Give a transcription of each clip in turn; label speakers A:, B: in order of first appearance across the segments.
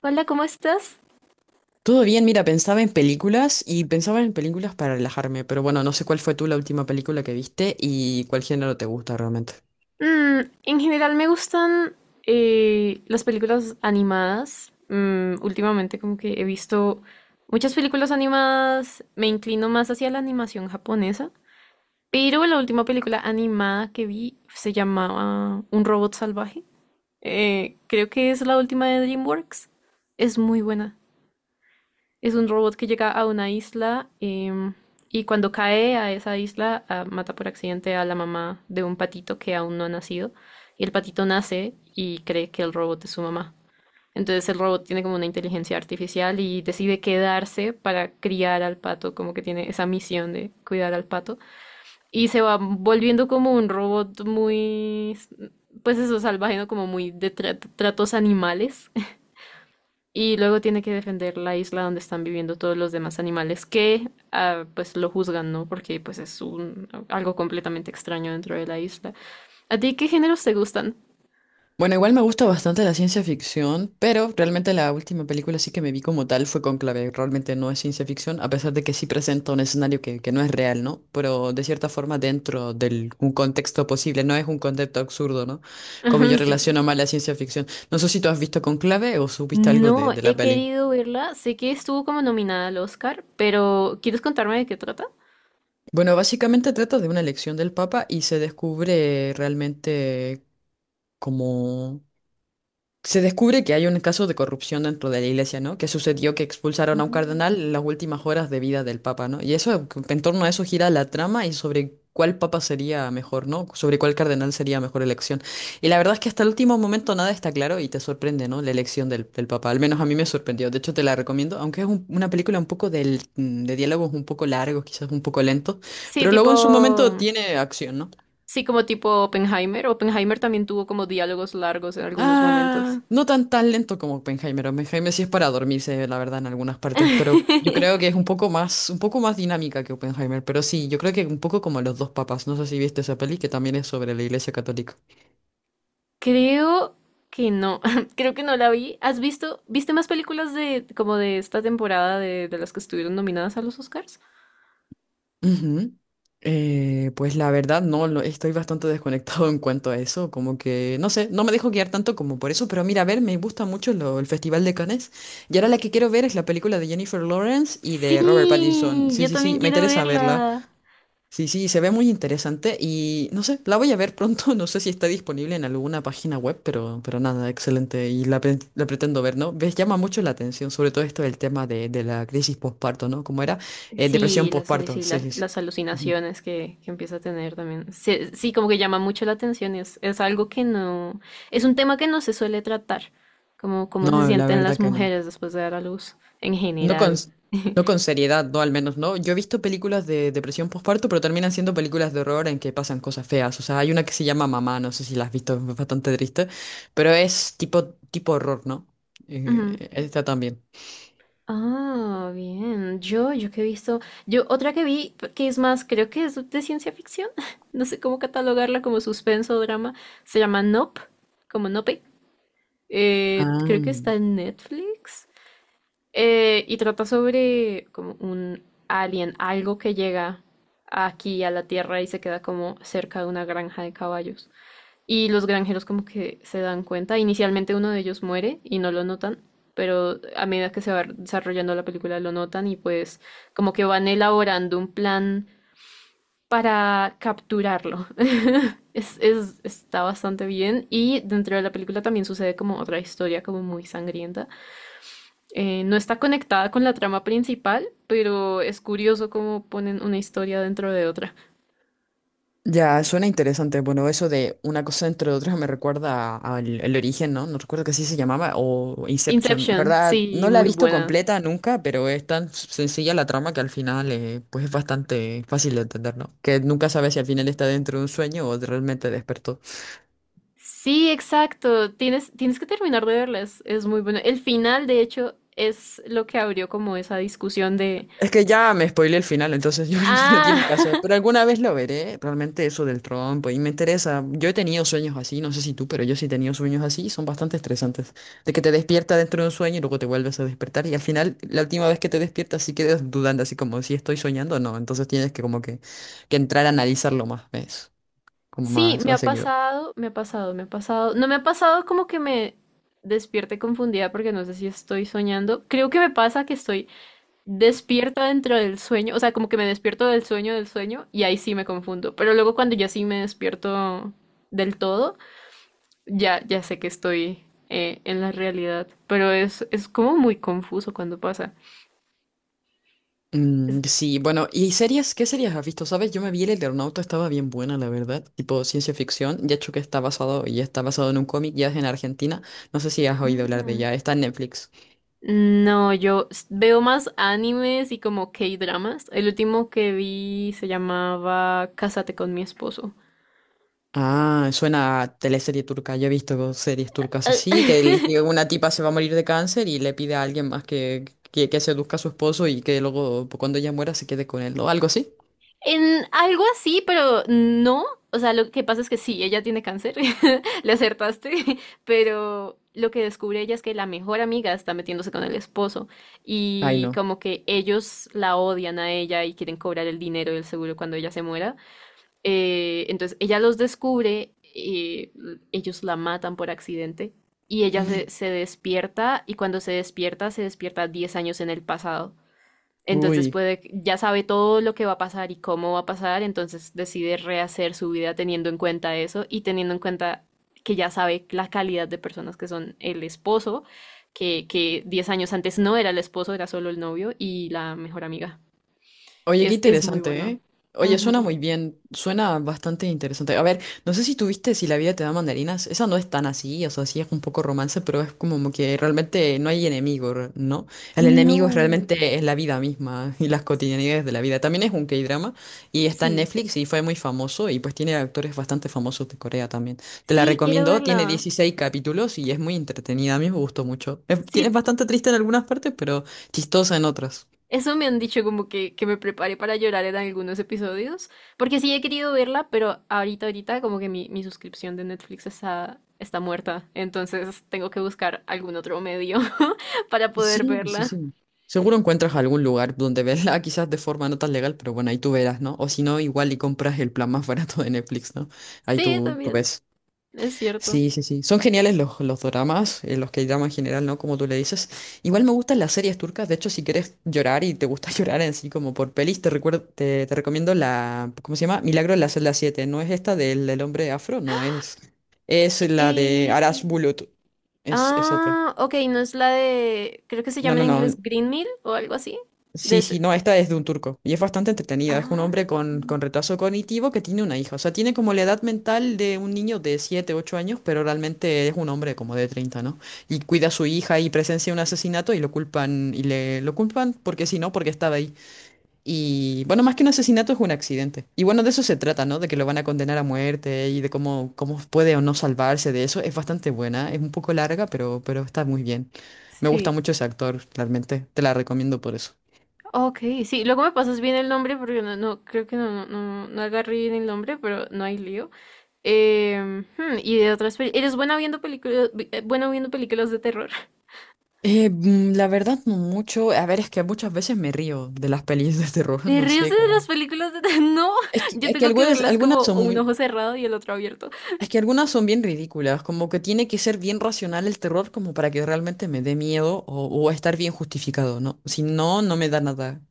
A: Hola, ¿cómo estás?
B: Todo bien, mira, pensaba en películas y pensaba en películas para relajarme, pero bueno, no sé cuál fue tú la última película que viste y cuál género te gusta realmente.
A: En general me gustan las películas animadas. Últimamente como que he visto muchas películas animadas, me inclino más hacia la animación japonesa, pero la última película animada que vi se llamaba Un robot salvaje. Creo que es la última de DreamWorks. Es muy buena. Es un robot que llega a una isla, y cuando cae a esa isla, mata por accidente a la mamá de un patito que aún no ha nacido, y el patito nace y cree que el robot es su mamá. Entonces el robot tiene como una inteligencia artificial y decide quedarse para criar al pato, como que tiene esa misión de cuidar al pato. Y se va volviendo como un robot muy, pues eso, salvaje, ¿no? Como muy de tratos animales, y luego tiene que defender la isla donde están viviendo todos los demás animales que, pues lo juzgan, ¿no? Porque pues es un, algo completamente extraño dentro de la isla. ¿A ti qué géneros te gustan?
B: Bueno, igual me gusta bastante la ciencia ficción, pero realmente la última película sí que me vi como tal fue Conclave. Realmente no es ciencia ficción, a pesar de que sí presenta un escenario que no es real, ¿no? Pero de cierta forma dentro de un contexto posible, no es un concepto absurdo, ¿no? Como yo
A: Sí.
B: relaciono más la ciencia ficción. No sé si tú has visto Conclave o supiste algo de,
A: No,
B: de la
A: he
B: peli.
A: querido verla. Sé que estuvo como nominada al Oscar, pero ¿quieres contarme de qué trata?
B: Bueno, básicamente trata de una elección del Papa y se descubre realmente como se descubre que hay un caso de corrupción dentro de la iglesia, ¿no? Que sucedió que expulsaron a un
A: Mm.
B: cardenal en las últimas horas de vida del papa, ¿no? Y eso, en torno a eso gira la trama y sobre cuál papa sería mejor, ¿no? Sobre cuál cardenal sería mejor elección. Y la verdad es que hasta el último momento nada está claro y te sorprende, ¿no? La elección del papa. Al menos a mí me sorprendió. De hecho, te la recomiendo, aunque es una película un poco de diálogos un poco largos, quizás un poco lento,
A: Sí,
B: pero luego en su momento
A: tipo.
B: tiene acción, ¿no?
A: Sí, como tipo Oppenheimer. Oppenheimer también tuvo como diálogos largos en algunos momentos.
B: Ah, no tan lento como Oppenheimer. Oppenheimer sí es para dormirse, la verdad, en algunas partes, pero yo creo que es un poco más dinámica que Oppenheimer. Pero sí, yo creo que un poco como Los dos papas. No sé si viste esa peli que también es sobre la Iglesia Católica.
A: Creo que no, creo que no la vi. Viste más películas de como de esta temporada de las que estuvieron nominadas a los Oscars?
B: Ujú. Pues la verdad, no, estoy bastante desconectado en cuanto a eso. Como que, no sé, no me dejo guiar tanto como por eso. Pero mira, a ver, me gusta mucho el Festival de Cannes. Y ahora la que quiero ver es la película de Jennifer Lawrence y de Robert Pattinson.
A: Sí,
B: Sí,
A: yo
B: sí,
A: también
B: sí, me
A: quiero
B: interesa verla.
A: verla.
B: Sí, sí, se ve muy interesante y no sé, la voy a ver pronto, no sé si está disponible en alguna página web, pero nada, excelente y la pretendo ver, ¿no? Ves, llama mucho la atención, sobre todo esto del tema de la crisis postparto, ¿no? ¿Cómo era?
A: Sí,
B: Depresión
A: las,
B: postparto,
A: aluci-
B: sí,
A: las,
B: sí, sí.
A: las
B: Ujú.
A: alucinaciones que empieza a tener también. Sí, sí, como que llama mucho la atención y es algo que no, es un tema que no se suele tratar, como cómo se
B: No, la
A: sienten
B: verdad
A: las
B: que no.
A: mujeres después de dar a luz en
B: No con,
A: general.
B: no con seriedad, no al menos, ¿no? Yo he visto películas de depresión postparto, pero terminan siendo películas de horror en que pasan cosas feas. O sea, hay una que se llama Mamá, no sé si la has visto, es bastante triste, pero es tipo horror, ¿no?
A: Ujú.
B: Esta también.
A: Ah, bien. Yo que he visto, yo otra que vi, que es más, creo que es de ciencia ficción, no sé cómo catalogarla como suspenso o drama, se llama Nope, como Nope. Creo que
B: Ah.
A: está en Netflix. Y trata sobre como un alien, algo que llega aquí a la Tierra y se queda como cerca de una granja de caballos. Y los granjeros como que se dan cuenta. Inicialmente uno de ellos muere y no lo notan, pero a medida que se va desarrollando la película lo notan y pues como que van elaborando un plan para capturarlo. Está bastante bien y dentro de la película también sucede como otra historia como muy sangrienta. No está conectada con la trama principal, pero es curioso cómo ponen una historia dentro de otra.
B: Ya, suena interesante. Bueno, eso de una cosa entre otras me recuerda a- al el origen, ¿no? No recuerdo que así se llamaba, o Inception. La
A: Inception,
B: verdad,
A: sí,
B: no la he
A: muy
B: visto
A: buena.
B: completa nunca, pero es tan sencilla la trama que al final pues es bastante fácil de entender, ¿no? Que nunca sabes si al final está dentro de un sueño o realmente despertó.
A: Sí, exacto. Tienes que terminar de verlas. Es muy bueno. El final, de hecho, es lo que abrió como esa discusión de,
B: Es que ya me spoilé el final, entonces yo no
A: ah,
B: tiene caso. Pero alguna vez lo veré, realmente eso del trompo, y me interesa. Yo he tenido sueños así, no sé si tú, pero yo sí he tenido sueños así, son bastante estresantes. De que te despierta dentro de un sueño y luego te vuelves a despertar, y al final, la última vez que te despiertas, sí quedas dudando, así como si estoy soñando o no. Entonces tienes que como que entrar a analizarlo más, ¿ves? Como
A: sí,
B: más,
A: me
B: más
A: ha
B: seguido.
A: pasado, me ha pasado, me ha pasado. No me ha pasado como que me despierte confundida porque no sé si estoy soñando. Creo que me pasa que estoy despierta dentro del sueño, o sea, como que me despierto del sueño y ahí sí me confundo. Pero luego cuando ya sí me despierto del todo. Ya, ya sé que estoy en la realidad, pero es como muy confuso cuando pasa.
B: Mm,
A: Es-
B: sí, bueno, ¿y series? ¿Qué series has visto? ¿Sabes? Yo me vi El Eternauta, estaba bien buena, la verdad. Tipo ciencia ficción, ya hecho que está basado, y está basado en un cómic, ya es en Argentina. No sé si has oído hablar de
A: Mm.
B: ella, está en Netflix.
A: No, yo veo más animes y como K-dramas. El último que vi se llamaba Cásate con mi esposo.
B: Ah, suena a teleserie turca. Yo he visto series turcas
A: Ah.
B: así, que, el- que una tipa se va a morir de cáncer y le pide a alguien más que seduzca a su esposo y que luego cuando ella muera se quede con él, ¿no? Algo así.
A: En algo así, pero no. O sea, lo que pasa es que sí, ella tiene cáncer, le acertaste, pero lo que descubre ella es que la mejor amiga está metiéndose con el esposo
B: Ay,
A: y
B: no.
A: como que ellos la odian a ella y quieren cobrar el dinero del seguro cuando ella se muera. Entonces ella los descubre, ellos la matan por accidente y ella se, se despierta y cuando se despierta 10 años en el pasado. Entonces
B: Uy.
A: puede, ya sabe todo lo que va a pasar y cómo va a pasar, entonces decide rehacer su vida teniendo en cuenta eso y teniendo en cuenta que ya sabe la calidad de personas que son el esposo, que 10 años antes no era el esposo, era solo el novio y la mejor amiga.
B: Oye, qué
A: Es muy
B: interesante,
A: bueno.
B: ¿eh? Oye, suena
A: Ujú.
B: muy bien, suena bastante interesante. A ver, no sé si tuviste Si la vida te da mandarinas, esa no es tan así, o sea, sí es un poco romance, pero es como que realmente no hay enemigo, ¿no? El enemigo es
A: No.
B: realmente es la vida misma y las cotidianidades de la vida. También es un K-drama y está en
A: Sí.
B: Netflix y fue muy famoso y pues tiene actores bastante famosos de Corea también. Te la
A: Sí, quiero
B: recomiendo, tiene
A: verla.
B: 16 capítulos y es muy entretenida, a mí me gustó mucho. Es, tiene-
A: Sí,
B: es bastante triste en algunas partes, pero chistosa en otras.
A: eso me han dicho como que me prepare para llorar en algunos episodios, porque sí he querido verla, pero ahorita, ahorita como que mi suscripción de Netflix está muerta, entonces tengo que buscar algún otro medio para poder
B: Sí, sí,
A: verla.
B: sí. Seguro encuentras algún lugar donde verla, quizás de forma no tan legal, pero bueno, ahí tú verás, ¿no? O si no, igual y compras el plan más barato de Netflix, ¿no? Ahí
A: Sí,
B: tú
A: también,
B: ves.
A: es cierto.
B: Sí, sí, sí. Son geniales los doramas, los que llaman en general, ¿no? Como tú le dices. Igual me gustan las series turcas. De hecho, si quieres llorar y te gusta llorar en sí, como por pelis, te recuerdo, te recomiendo la, ¿cómo se llama? Milagro en la celda 7. No es esta del hombre afro, no es. Es la de Aras
A: Eh,
B: Bulut. Es otra.
A: Ah, ok, no es la de, creo que se
B: No,
A: llama en
B: no, no.
A: inglés Green Mill o algo así. De
B: Sí, sí,
A: ese-
B: no, esta es de un turco y es bastante entretenida. Es un
A: Ah,
B: hombre con retraso cognitivo que tiene una hija. O sea, tiene como la edad mental de un niño de 7, 8 años, pero realmente es un hombre como de 30, ¿no? Y cuida a su hija y presencia un asesinato y lo culpan, y le lo culpan porque sí, no, porque estaba ahí. Y bueno, más que un asesinato es un accidente. Y bueno, de eso se trata, ¿no? De que lo van a condenar a muerte y de cómo puede o no salvarse de eso. Es bastante buena, es un poco larga, pero está muy bien. Me gusta
A: sí.
B: mucho ese actor, realmente. Te la recomiendo por eso.
A: Ok, sí, luego me pasas bien el nombre porque no, no creo que no, no, no agarré bien el nombre, pero no hay lío. Y de otras películas. ¿Eres buena viendo películas, bueno viendo películas de terror?
B: La verdad, no mucho. A ver, es que muchas veces me río de las pelis de terror,
A: ¿Te
B: no
A: ríes
B: sé
A: de las
B: cómo.
A: películas de terror? No,
B: Es que,
A: yo
B: es que
A: tengo que
B: algunas,
A: verlas como
B: algunas
A: o un ojo cerrado y el otro abierto.
B: son bien ridículas, como que tiene que ser bien racional el terror como para que realmente me dé miedo o estar bien justificado, ¿no? Si no, no me da nada.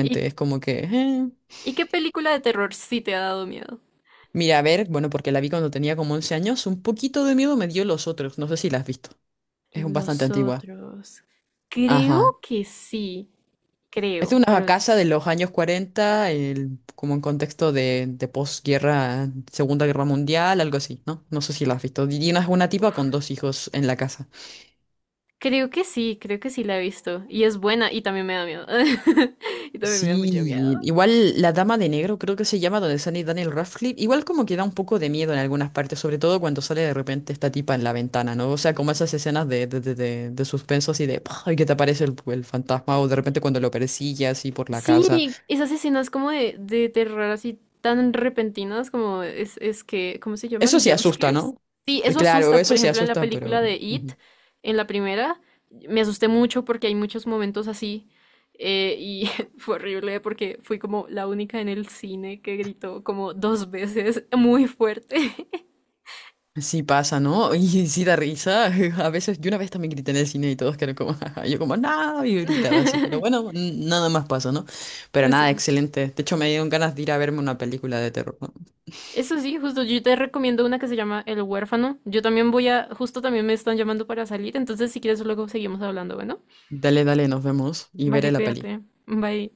A: ¿Y,
B: es como que.
A: y qué película de terror sí te ha dado miedo?
B: Mira, a ver, bueno, porque la vi cuando tenía como 11 años, un poquito de miedo me dio los otros, no sé si la has visto. Es bastante
A: Los
B: antigua.
A: otros. Creo
B: Ajá.
A: que sí,
B: Es de
A: creo,
B: una
A: pero
B: casa de los años 40, como en contexto de posguerra, Segunda Guerra Mundial, algo así, ¿no? No sé si la has visto. Y una tipa con dos hijos en la casa.
A: creo que sí la he visto. Y es buena y también me da miedo. Y también me da mucho
B: Sí,
A: miedo.
B: igual La Dama de Negro, creo que se llama, donde sale Daniel Radcliffe. Igual como que da un poco de miedo en algunas partes, sobre todo cuando sale de repente esta tipa en la ventana, ¿no? O sea, como esas escenas de suspenso así de, ¡ay! Que te aparece el fantasma o de repente cuando lo persigue así por la casa.
A: Sí, esas escenas como de terror así tan repentinas como es que, ¿cómo se
B: Eso
A: llaman?
B: sí
A: Jump
B: asusta,
A: scares.
B: ¿no?
A: Sí, eso
B: Claro,
A: asusta. Por
B: eso sí
A: ejemplo, en la
B: asusta, pero.
A: película de It,
B: Ujú.
A: en la primera, me asusté mucho porque hay muchos momentos así, y fue horrible porque fui como la única en el cine que gritó como dos veces muy fuerte.
B: Sí pasa, ¿no? Y sí da risa. A veces, yo una vez también grité en el cine y todos quedaron como, yo como, no, y gritaba así. Pero bueno, nada más pasó, ¿no? Pero nada,
A: Sí.
B: excelente. De hecho, me dieron ganas de ir a verme una película de terror, ¿no?
A: Eso sí, justo yo te recomiendo una que se llama El huérfano. Yo también voy a, justo también me están llamando para salir, entonces si quieres luego seguimos hablando, bueno.
B: Dale, dale, nos vemos y
A: Vale,
B: veré la peli.
A: cuídate. Bye.